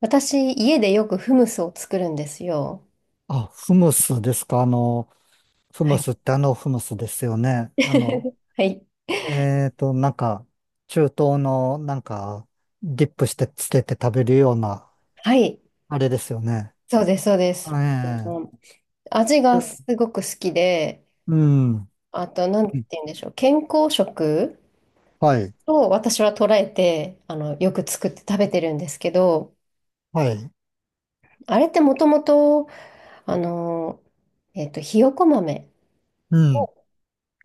私、家でよくフムスを作るんですよ。あ、フムスですか。フはムい。スってあのフムスですよね。はい。えっと、なんか、中東の、ディップしてつけて食べるような、はい。あれですよね。そうです、そうです。えうん、え、味がうすごく好きで、うん。あと、なんて言うんでしょう。健康食はい。を私は捉えて、よく作って食べてるんですけど、はい。あれってもともと、あの、ひよこ豆うん。を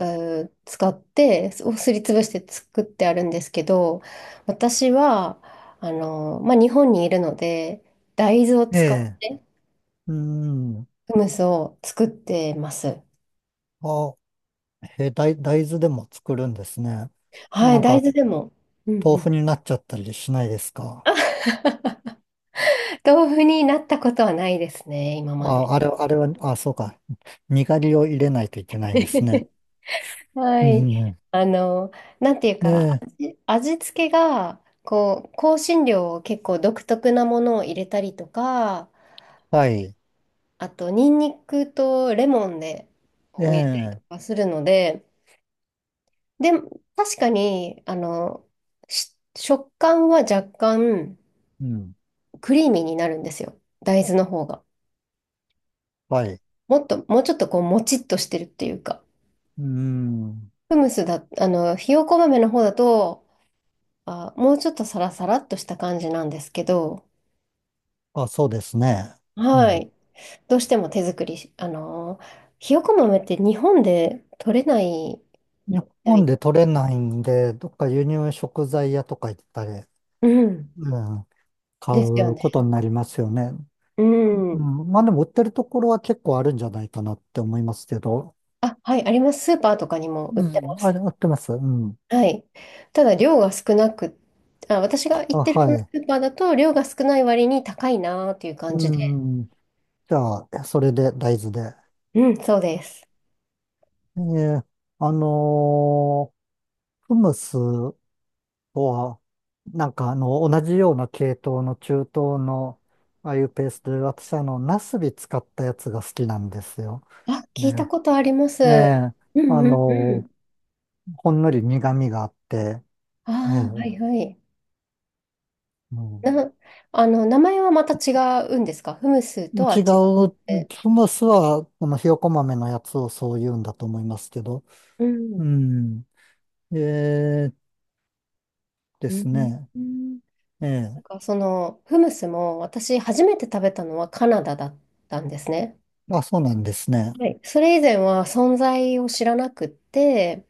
使って、すをすりつぶして作ってあるんですけど、私は、まあ、日本にいるので、大豆をえ使っえ。てうん。フムスを作ってます。あ、え、大豆でも作るんですね。はない、ん大か、豆でも。うんう豆ん。腐になっちゃったりしないですか？あ、 豆腐になったことはないですね、今まで。あ、あれ、あれは、あ、そうか。にがりを入れないといけないんですね。はうい。ん。あの、なんていうえか、え、味付けが、こう、香辛料を結構独特なものを入れたりとか、はい。あと、ニンニクとレモンで、えを入れたりとえ、かするので、で、確かに、食感は若干うん、クリーミーになるんですよ。大豆の方が。はい。もっと、もうちょっとこう、もちっとしてるっていうか。うん。フムスだ、あの、ひよこ豆の方だと、あ、もうちょっとサラサラっとした感じなんですけど、あ、そうですね。うはん。い。どうしても手作りし、あのー、ひよこ豆って日本で取れないみ日たい本で。で取れないんで、どっか輸入食材屋とか行ったり、うん。うん、買ですようね。ことになりますよね。ううん。ん、まあでも売ってるところは結構あるんじゃないかなって思いますけど。あ、はい、あります。スーパーとかにも売っうてん、まあす。れ、売ってます。うん。はい。ただ、量が少なく、あ、私が行っあ、てるはそのスい。ーパーだと、量が少ない割に高いなーっていう感うじで。ん。じゃあ、それで大豆で。うん、そうです。えーあのフムス、とは、同じような系統の中東の、ああいうペーストで、私ナスビ使ったやつが好きなんですよ。あ、聞いたね。ことあります。ええ、うんあうんうの、ん。ほんのり苦味があって、えああ、はえ、いはい。うん、な、あの、名前はまた違うんですか、フムスとは違違っう、て。スムースは、このひよこ豆のやつをそう言うんだと思いますけど、ううん。ん、ええでうんすね。うん、ええ、なんかそのフムスも私初めて食べたのはカナダだったんですね。あ、そうなんですね。はい、それ以前は存在を知らなくって、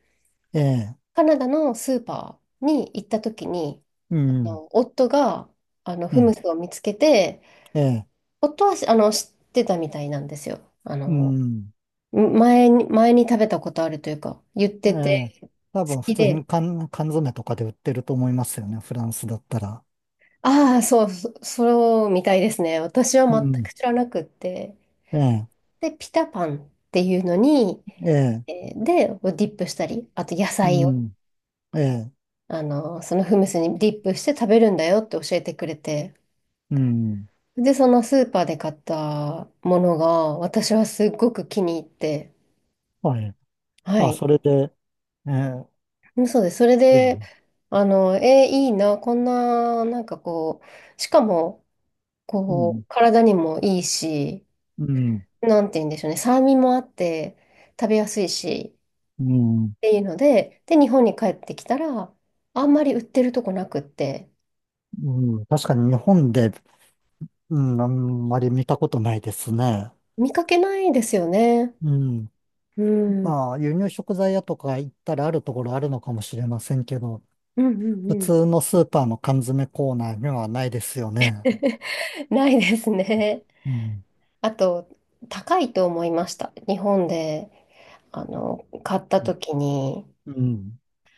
ええ、カナダのスーパーに行った時に、うあん、の夫があのうフムん、スを見つけて、ええ、夫はあの知ってたみたいなんですよ。あうのん。前に、前に食べたことあるというか、言っえてえ、て、好多分普き通で、に缶詰とかで売ってると思いますよね、フランスだったら。ああ、そうみたいですね。私はう全ん。く知らなくって。ええ、で、ピタパンっていうのに、ええ、えーで、ディップしたり、あと野う菜を。ん、ええ、あの、そのフムスにディップして食べるんだよって教えてくれて、うん。で、そのスーパーで買ったものが、私はすっごく気に入って、はい。はあ、い。それで、ええ、うん、そうです。それでもで、ね、いいな、こんな、なんかこう、しかも、うこう、ん、体にもいいし、うん、なんて言うんでしょうね、酸味もあって、食べやすいし、うん、っていうので、で、日本に帰ってきたら、あんまり売ってるとこなくって、うん。確かに日本で、うん、あんまり見たことないですね。見かけないですよね。うん。うん。うんまあ、輸入食材屋とか行ったらあるところあるのかもしれませんけど、うん普うん。 通のスーパーの缶詰コーナーにはないですよね。ないですね。うん。あと、高いと思いました。日本で、あの、買った時に、うん。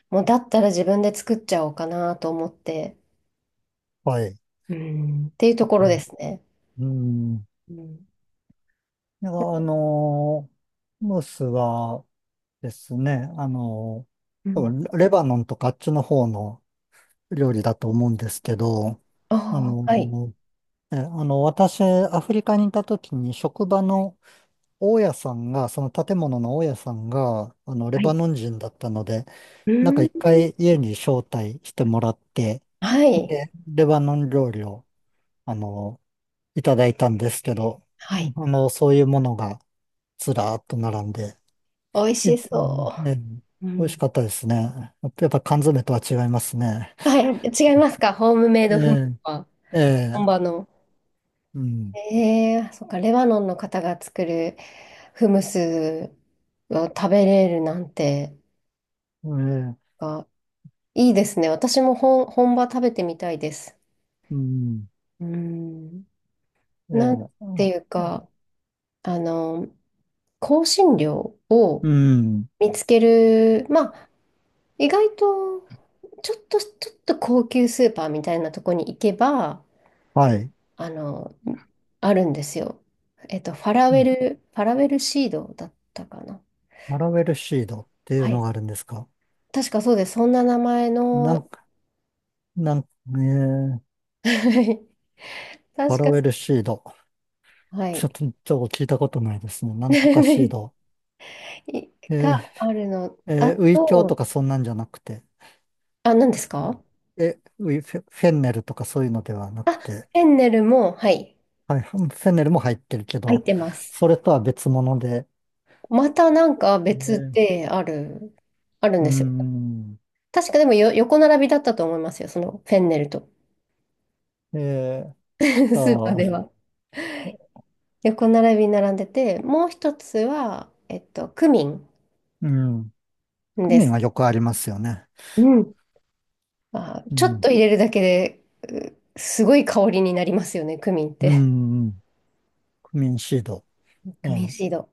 もうだったら自分で作っちゃおうかなと思って、はい。うんっていうところですね。うん。いうん。や、ムースはですね、う多ん。分レバノンとかあっちの方の料理だと思うんですけど、あああ、はい。の私、アフリカにいた時に職場の大家さんが、その建物の大家さんが、レはバい。ノン人だったので、うなんーかん。一回家に招待してもらって、はい。で、レバノン料理を、あのーいただいたんですけど、うはん、い。そういうものがずらーっと並んで、美味いしうんそね、う。う美味しん。かったですね。やっぱ缶詰とは違いますね。はい。違いますか、ホームメイえドフムスえ、は、え本え、場の。うん、ええ、そっか、レバノンの方が作るフムスを食べれるなんて。ええ、か、いいですね。私も本、本場食べてみたいです。うん、うん。えなんていうえ、か、あの、香辛料うをん、見つける、まあ、意外と、ちょっと高級スーパーみたいなとこに行けば、はい。あの、あるんですよ。えっと、ファラウうェん、ル、ファラウェルシードだったかな。ファラウェルシードっていうはい。のがあるんですか？確かそうです。そんな名前なの、んか、なんか、ええ、ファ確ラか、ウェルシード。はちょっい。と、ちょっと聞いたことないですね。なんとかシー ド。いええ、があるの。えあえ、ウイキョウとと、かそんなんじゃなくて。あ、何ですうん、か、え、ウィフェ、フェンネルとかそういうのではなあ、くフて、ェンネルも、はい、はい、フェンネルも入ってるけ入っど、てます。それとは別物で、またなんか別ね、である、あるんうですよ。ん、確かでもよ、横並びだったと思いますよ、そのフェンネルと。えー スーパーでと、は。あ横並びに並んでて、もう一つは、えっと、クミンうん、クでミンす。はよくありますよね。うん。あ、うちょっん、と入れるだけで、すごい香りになりますよね、クミンっうて。ん、うん、クミンシード。クミンあシード。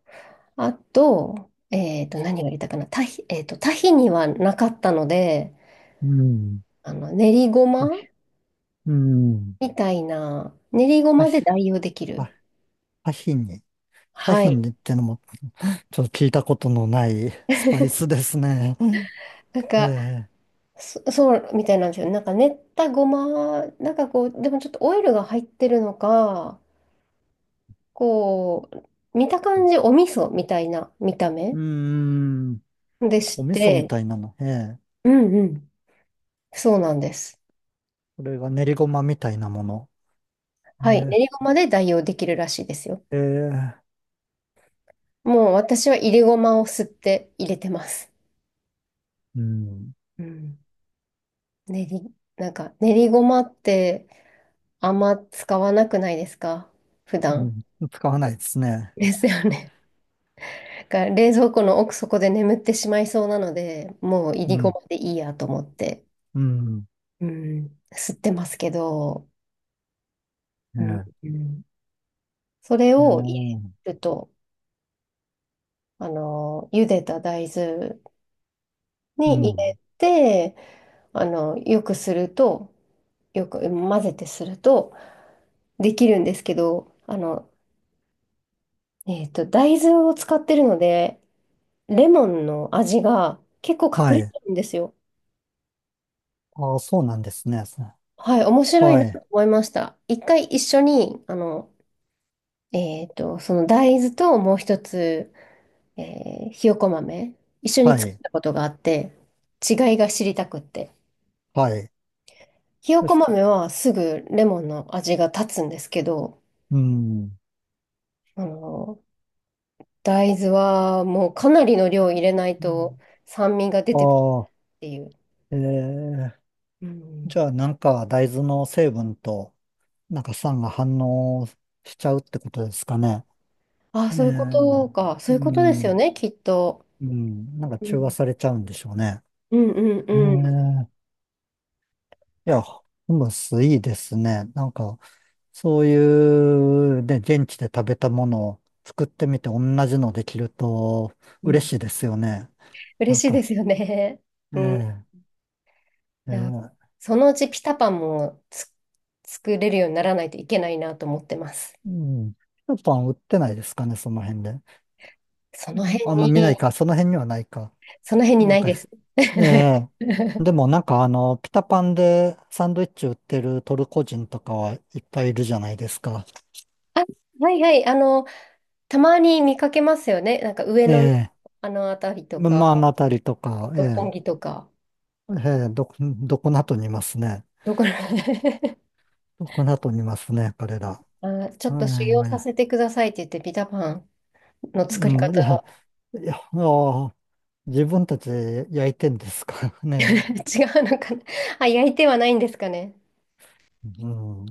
あと、えっと、何が入れたかな。タヒにはなかったので、うん、あの、練りごヒまうん、みたいな、練りごパまヒ、で代用できる。パパヒニ。パはヒい。ニってのも、ちょっと聞いたことのない スパイスですね。うん、なんか、ええ、そうみたいなんですよ。なんか練ったごま、なんかこう、でもちょっとオイルが入ってるのか、こう、見た感じお味噌みたいな見たう目ーん、でしお味噌みて、たいなの。ええ、うんうん。そうなんです。これが練りごまみたいなもの。はい。練えりごまで代用できるらしいですよ。ー、えーもう私は入れごまを吸って入れてます。うん、うん。なんか練りごまってあんま使わなくないですか、普段。うん、使わないですね。ですよね。だから冷蔵庫の奥底で眠ってしまいそうなので、もういうりごん、までいいやと思って、うん、うん、吸ってますけど、えうん、ーうん、それえを入ーれると、あの、茹でた大豆うに入ん、れて、あの、よくすると、よく混ぜてするとできるんですけど、大豆を使ってるので、レモンの味が結構は隠れい。てるんですよ。ああ、そうなんですね。はい、面白いはない、と思いました。一回一緒に、あの、えっと、その大豆ともう一つ、ひよこ豆、一緒には作っい、たことがあって、違いが知りたくって。はい。ひよそうこした。豆はすぐレモンの味が立つんですけど、うん。あの、大豆はもうかなりの量入れないうとん、酸味が出てくるっああ、ていう。ええ、うじん、ゃあなんか大豆の成分と、なんか酸が反応しちゃうってことですかね。あ、えそういうことえ、か。そうういうことですよん、ね、きっと。うん、なんかう中和ん、されちゃうんでしょうね。うんうんえうんえ、いや、ホムスいいですね。なんか、そういう、ね、現地で食べたものを作ってみて同じのできるとう嬉ん。しいですよね。な嬉んしいでか、すよね。うん。 ええ、 いや、ええ、そのうちピタパンも作れるようにならないといけないなと思ってます。うん。スーパン売ってないですかね、その辺で。そうのん、辺あんま見なに、いか、その辺にはないか。その辺にななんいか、です。ええ、 でもピタパンでサンドイッチ売ってるトルコ人とかはいっぱいいるじゃないですか。あ、はいはい、あの、たまに見かけますよね。なんか上え野のえ、あの辺りとまか、あ、あのあたりとか、え六本え、木とか、ええ、どこなとにいますね。どこら どこなとにいますね、彼ら。あ、ちょっと修はい、行今さや。せてくださいって言って、ピタパンの作りう方 ん、いや、いや、ああ自分たちで焼いてんですから ね。違うのかな、あ、焼いてはないんですかね。うん